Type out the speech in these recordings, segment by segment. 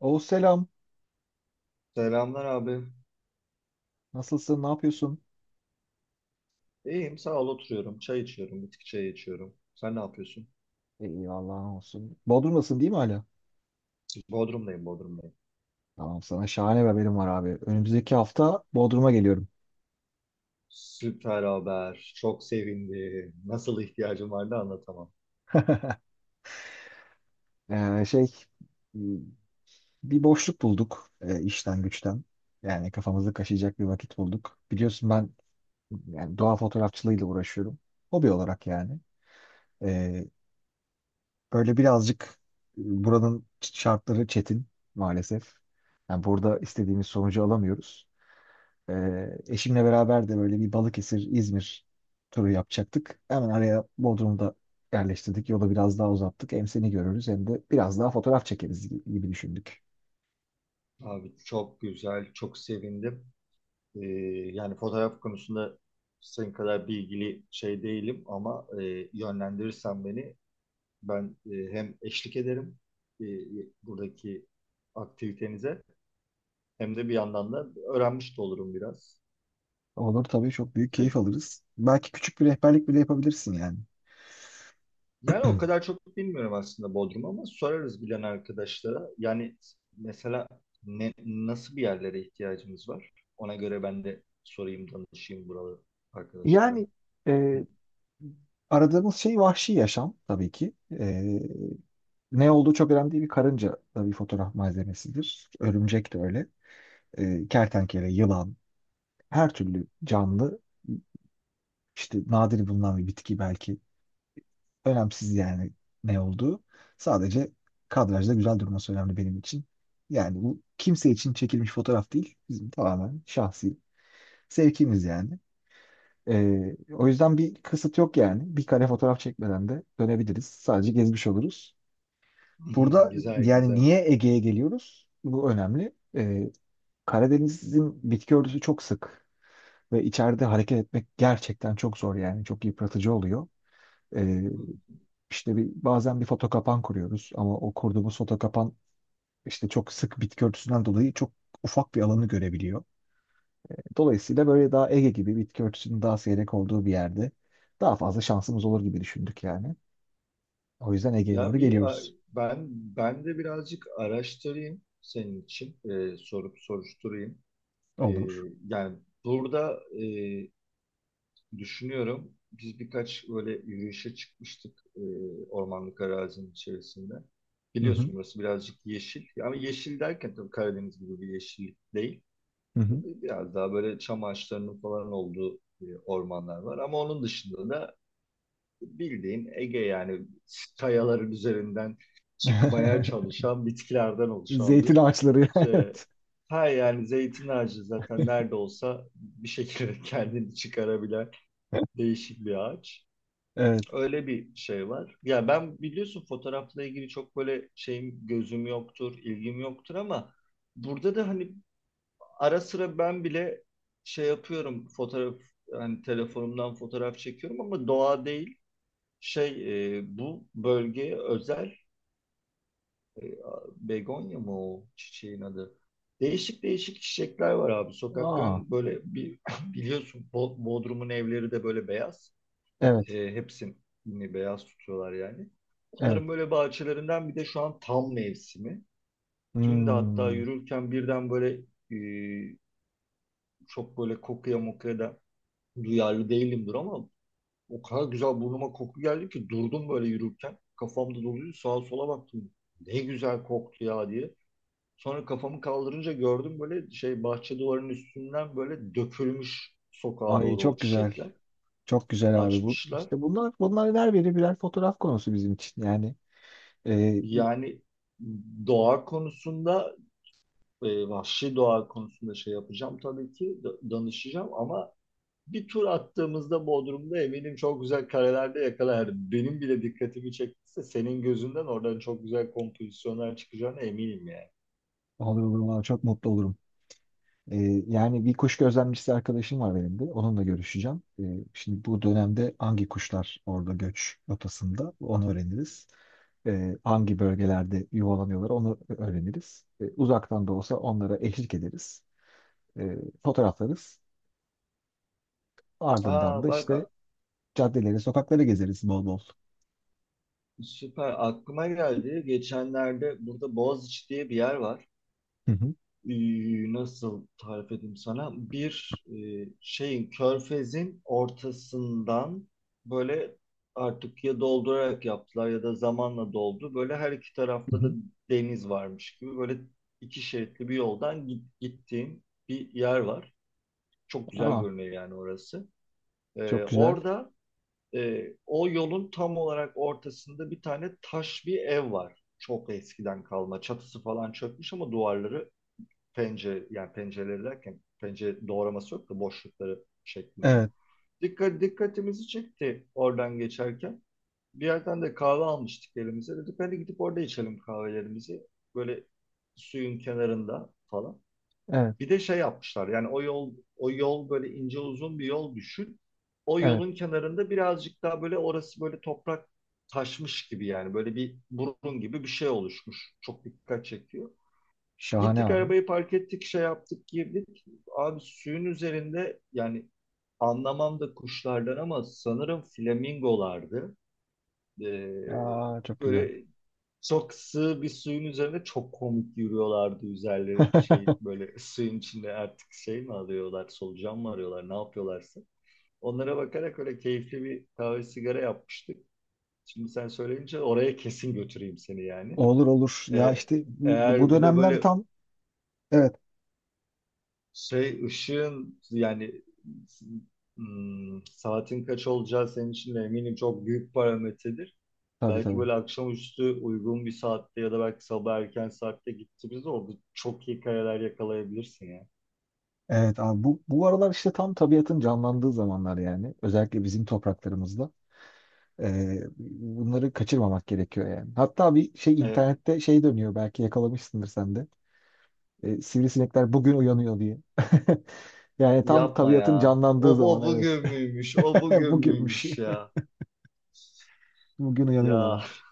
Oğuz selam. Selamlar abi. Nasılsın? Ne yapıyorsun? İyiyim sağ ol oturuyorum. Çay içiyorum. Bitki çayı içiyorum. Sen ne yapıyorsun? İyi Allah'ın olsun. Bodrum'dasın değil mi hala? Bodrum'dayım Bodrum'dayım. Tamam, sana şahane bir haberim var abi. Önümüzdeki hafta Bodrum'a geliyorum. Süper haber. Çok sevindim. Nasıl ihtiyacım vardı anlatamam. Ee, şey m, Bir boşluk bulduk işten güçten. Yani kafamızı kaşıyacak bir vakit bulduk. Biliyorsun, ben yani doğa fotoğrafçılığıyla uğraşıyorum. Hobi olarak yani. Ee, Böyle birazcık buranın şartları çetin maalesef. Yani burada istediğimiz sonucu alamıyoruz. Eşimle beraber de böyle bir Balıkesir, İzmir turu yapacaktık. Hemen araya Bodrum'u da yerleştirdik. Yolu biraz daha uzattık. Hem seni görürüz hem de biraz daha fotoğraf çekeriz gibi düşündük. Abi çok güzel. Çok sevindim. Ee, Yani fotoğraf konusunda senin kadar bilgili şey değilim ama yönlendirirsen beni ben, hem eşlik ederim e, buradaki aktivitenize hem de bir yandan da öğrenmiş de olurum biraz. Olur tabii, çok büyük keyif alırız. Belki küçük bir rehberlik bile yapabilirsin yani. Yani o kadar çok bilmiyorum aslında Bodrum ama sorarız bilen arkadaşlara. Yani mesela nasıl bir yerlere ihtiyacımız var? Ona göre ben de sorayım, danışayım buralı arkadaşlara. Yani e, aradığımız şey vahşi yaşam tabii ki. E, Ne olduğu çok önemli değil. Bir karınca da bir fotoğraf malzemesidir. Örümcek de öyle. Kertenkele, yılan, her türlü canlı. İşte nadir bulunan bir bitki belki. Önemsiz yani ne olduğu. Sadece kadrajda güzel durması önemli benim için. Yani bu kimse için çekilmiş fotoğraf değil. Bizim tamamen şahsi sevkimiz yani. O yüzden bir kısıt yok yani. Bir kare fotoğraf çekmeden de dönebiliriz. Sadece gezmiş oluruz. Burada Güzel, yani güzel. niye Ege'ye geliyoruz? Bu önemli. Karadeniz'in bitki örtüsü çok sık ve içeride hareket etmek gerçekten çok zor yani. Çok yıpratıcı oluyor. Ee, İşte bazen bir foto kapan kuruyoruz ama o kurduğumuz foto kapan işte çok sık bitki örtüsünden dolayı çok ufak bir alanı görebiliyor. Dolayısıyla böyle daha Ege gibi bitki örtüsünün daha seyrek olduğu bir yerde daha fazla şansımız olur gibi düşündük yani. O yüzden Ege'ye Ya doğru bir a- geliyoruz. ben ben de birazcık araştırayım senin için, sorup soruşturayım. Ee, Olur. Yani burada düşünüyorum. Biz birkaç böyle yürüyüşe çıkmıştık ormanlık arazinin içerisinde. Hı hı. Biliyorsun burası birazcık yeşil. Yani yeşil derken tabii Karadeniz gibi bir yeşil değil. Hı hı. Tabii biraz daha böyle çam ağaçlarının falan olduğu ormanlar var. Ama onun dışında da bildiğin Ege yani kayaların üzerinden çıkmaya çalışan bitkilerden oluşan Zeytin ağaçları. e, Evet. ha yani zeytin ağacı zaten nerede olsa bir şekilde kendini çıkarabilen değişik bir ağaç. Evet. Öyle bir şey var. Ya ben biliyorsun fotoğrafla ilgili çok böyle şeyim gözüm yoktur, ilgim yoktur ama burada da hani ara sıra ben bile şey yapıyorum fotoğraf hani telefonumdan fotoğraf çekiyorum ama doğa değil. Bu bölgeye özel e, begonya mı o çiçeğin adı? Değişik değişik çiçekler var abi. Aa, Sokakların böyle bir biliyorsun Bodrum'un evleri de böyle beyaz. evet. E, hepsini beyaz tutuyorlar yani. Evet. Onların böyle bahçelerinden bir de şu an tam mevsimi. Dün de hatta Hmm. yürürken birden e, çok böyle kokuya mokuya da duyarlı değilimdir ama o kadar güzel burnuma koku geldi ki durdum böyle yürürken. Kafamda doluydu sağa sola baktım. Ne güzel koktu ya diye. Sonra kafamı kaldırınca gördüm böyle şey bahçe duvarının üstünden böyle dökülmüş sokağa Ay, doğru o çok güzel. çiçekler. Çok güzel abi bu. Açmışlar. İşte bunlar her biri birer fotoğraf konusu bizim için. Yani e, Yani doğa konusunda, vahşi doğa konusunda şey yapacağım tabii ki, danışacağım ama bir tur attığımızda Bodrum'da eminim çok güzel karelerde yakalarım. Benim bile dikkatimi çektiyse senin gözünden oradan çok güzel kompozisyonlar çıkacağına eminim yani. olur olur valla çok mutlu olurum. Ee, Yani bir kuş gözlemcisi arkadaşım var benim de. Onunla görüşeceğim. Şimdi bu dönemde hangi kuşlar orada göç rotasında onu öğreniriz. Hangi bölgelerde yuvalanıyorlar onu öğreniriz. Uzaktan da olsa onlara eşlik ederiz. Ee, Fotoğraflarız. Ardından Aa da bak işte caddeleri, sokakları gezeriz bol bol. süper aklıma geldi. Geçenlerde burada Boğaziçi diye bir yer var. Hı hı. Nasıl tarif edeyim sana? Bir e, şeyin körfezin ortasından böyle artık ya doldurarak yaptılar ya da zamanla doldu. Böyle her iki Hı tarafta da hı. deniz varmış gibi böyle iki şeritli bir yoldan gittiğin bir yer var. Çok güzel Aa, görünüyor yani orası. Çok güzel. Orada o yolun tam olarak ortasında bir tane taş bir ev var. Çok eskiden kalma. Çatısı falan çökmüş ama duvarları pencere yani pencereleri derken pencere doğraması yok da boşlukları şeklinde. Evet, Dikkatimizi çekti oradan geçerken. Bir yerden de kahve almıştık elimize. Dedik hadi gidip orada içelim kahvelerimizi. Böyle suyun kenarında falan. evet, Bir de şey yapmışlar yani o yol böyle ince uzun bir yol düşün. O evet. yolun kenarında birazcık daha böyle orası böyle toprak taşmış gibi yani böyle bir burun gibi bir şey oluşmuş. Çok dikkat çekiyor. Şahane Gittik abi. arabayı park ettik, şey yaptık, girdik. Abi suyun üzerinde yani anlamam da kuşlardan ama sanırım flamingolardı. Ee, Aa, çok güzel. Böyle çok sığ bir suyun üzerinde çok komik yürüyorlardı üzerleri şey böyle suyun içinde artık şey mi alıyorlar, solucan mı arıyorlar, ne yapıyorlarsa. Onlara bakarak öyle keyifli bir kahve sigara yapmıştık. Şimdi sen söyleyince oraya kesin götüreyim seni yani. Olur olur. Ya Ee, işte bu Eğer bir de dönemler böyle tam, evet, şey ışığın yani saatin kaç olacağı senin için de eminim çok büyük parametredir. tabii Belki tabii. böyle akşamüstü uygun bir saatte ya da belki sabah erken saatte gittiğimizde orada çok iyi kareler yakalayabilirsin ya. Evet abi, bu aralar işte tam tabiatın canlandığı zamanlar yani. Özellikle bizim topraklarımızda. Bunları kaçırmamak gerekiyor yani. Hatta bir şey E, internette şey dönüyor belki yakalamışsındır sen de. Sivrisinekler bugün uyanıyor diye. Yani tam yapma tabiatın ya. canlandığı zaman O evet. bugün müymüş? O bugün Bugünmüş. müymüş ya? Bugün Ya uyanıyorlarmış.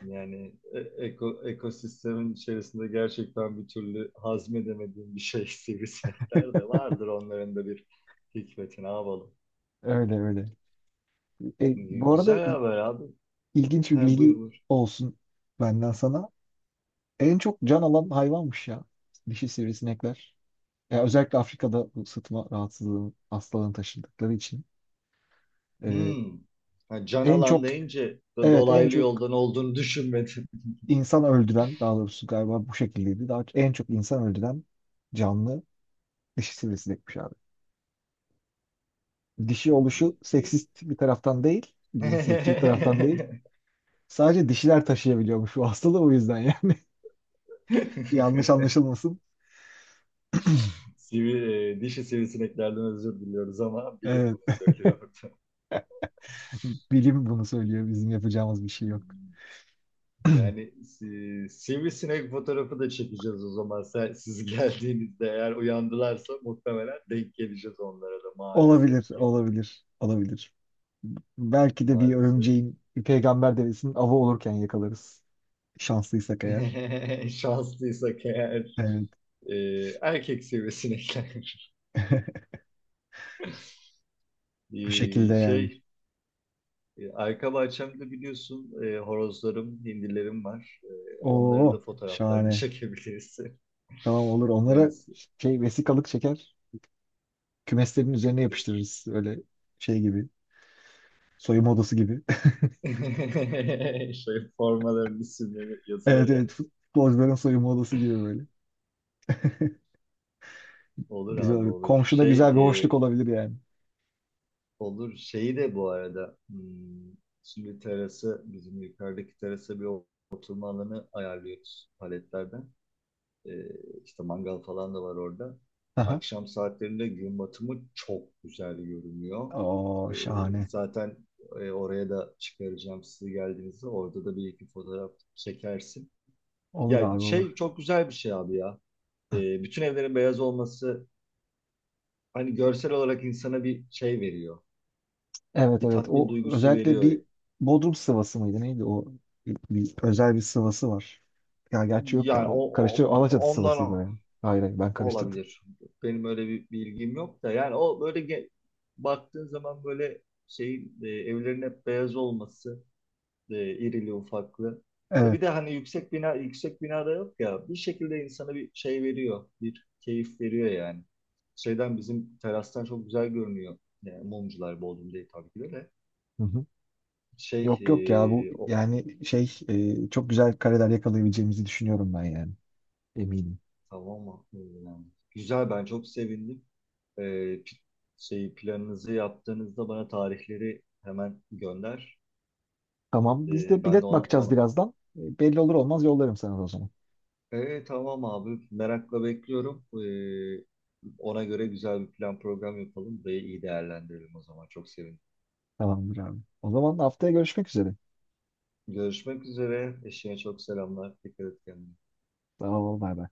yani e- eko, ekosistemin içerisinde gerçekten bir türlü hazmedemediğim bir şey sivrisinekler de vardır onların da bir hikmeti ne yapalım. Öyle öyle. Bu arada Güzel haber abi. ilginç bir He, buyur bilgi buyur. olsun benden sana. En çok can alan hayvanmış ya. Dişi sivrisinekler. Ya özellikle Afrika'da bu sıtma rahatsızlığı hastalığını taşıdıkları için. Ee, Hmm. Ha, can en alan çok deyince da evet en dolaylı çok yoldan olduğunu düşünmedim. insan öldüren, daha doğrusu galiba bu şekildeydi. Daha en çok insan öldüren canlı dişi sivrisinekmiş abi. Dişi Abi oluşu diye. seksist bir taraftan değil, cinsiyetçi bir taraftan değil. Sadece dişiler taşıyabiliyormuş bu hastalığı, o yüzden yani. Yanlış anlaşılmasın. Dişi sivrisineklerden özür diliyoruz ama bilim Evet, bunu söylüyordu. bilim bunu söylüyor. Bizim yapacağımız bir şey yok. Hmm. Yani sivrisinek fotoğrafı da çekeceğiz o zaman. Siz geldiğinizde eğer uyandılarsa muhtemelen denk geleceğiz onlara da Olabilir, maalesef ki. olabilir, olabilir. Belki de bir Maalesef. örümceğin, bir peygamber devesinin avı olurken yakalarız. Şanslıysak eğer. Şanslıysak eğer. Evet. e, Erkek seviyesine iner. Bu E, şekilde yani. şey Arka bahçemde biliyorsun horozlarım, hindilerim var. E, onların da Oo, fotoğraflarını şahane. çekebiliriz. Tamam, olur. Yani Onlara şey vesikalık çeker. Kümeslerin üzerine yapıştırırız. Öyle şey gibi. Soyunma odası gibi. şey formaların isimleri Evet yazılır ya. evet. Futbolcuların soyunma odası gibi böyle. Olur Güzel abi olur. olur. Komşuda güzel bir e, hoşluk olabilir yani. olur şeyi de bu arada şimdi bizim yukarıdaki terasa bir oturma alanı ayarlıyoruz paletlerden. Ee, işte mangal falan da var orada. Aha. Akşam saatlerinde gün batımı çok güzel görünüyor. Ee, Oo, şahane. zaten oraya da çıkaracağım sizi geldiğinizde. Orada da bir iki fotoğraf çekersin. Olur Ya abi olur. şey çok güzel bir şey abi ya. Bütün evlerin beyaz olması hani görsel olarak insana bir şey veriyor. Evet Bir evet, tatmin o duygusu özellikle bir veriyor. Bodrum sıvası mıydı neydi o, bir özel bir sıvası var. Ya gerçi yok ya, Yani o, o karıştı, o- Alaçatı sıvasıydı o ondan yani. Hayır hayır, ben karıştırdım. olabilir. Benim öyle bir bilgim yok da yani o böyle baktığın zaman böyle evlerin hep beyaz olması irili ufaklı ve Evet. bir de hani yüksek binada yok ya bir şekilde insana bir şey veriyor bir keyif veriyor yani. Şeyden bizim terastan çok güzel görünüyor. Yani mumcular Bodrum değil tabii ki de. Hı hı. Şey Yok yok ya bu e, o yani çok güzel kareler yakalayabileceğimizi düşünüyorum ben yani, eminim. tamam mı? Güzel ben çok sevindim. e, pi- şey planınızı yaptığınızda bana tarihleri hemen gönder. Tamam, biz E, de ben de bilet ona, bakacağız ona... birazdan. Belli olur olmaz yollarım sana o zaman. E, tamam abi merakla bekliyorum. Ona göre güzel bir plan program yapalım. Burayı iyi değerlendirelim o zaman. Çok sevindim. Tamamdır abi. O zaman haftaya görüşmek üzere. Görüşmek üzere. Eşine çok selamlar. Dikkat et kendine. Tamam, ol bay bay.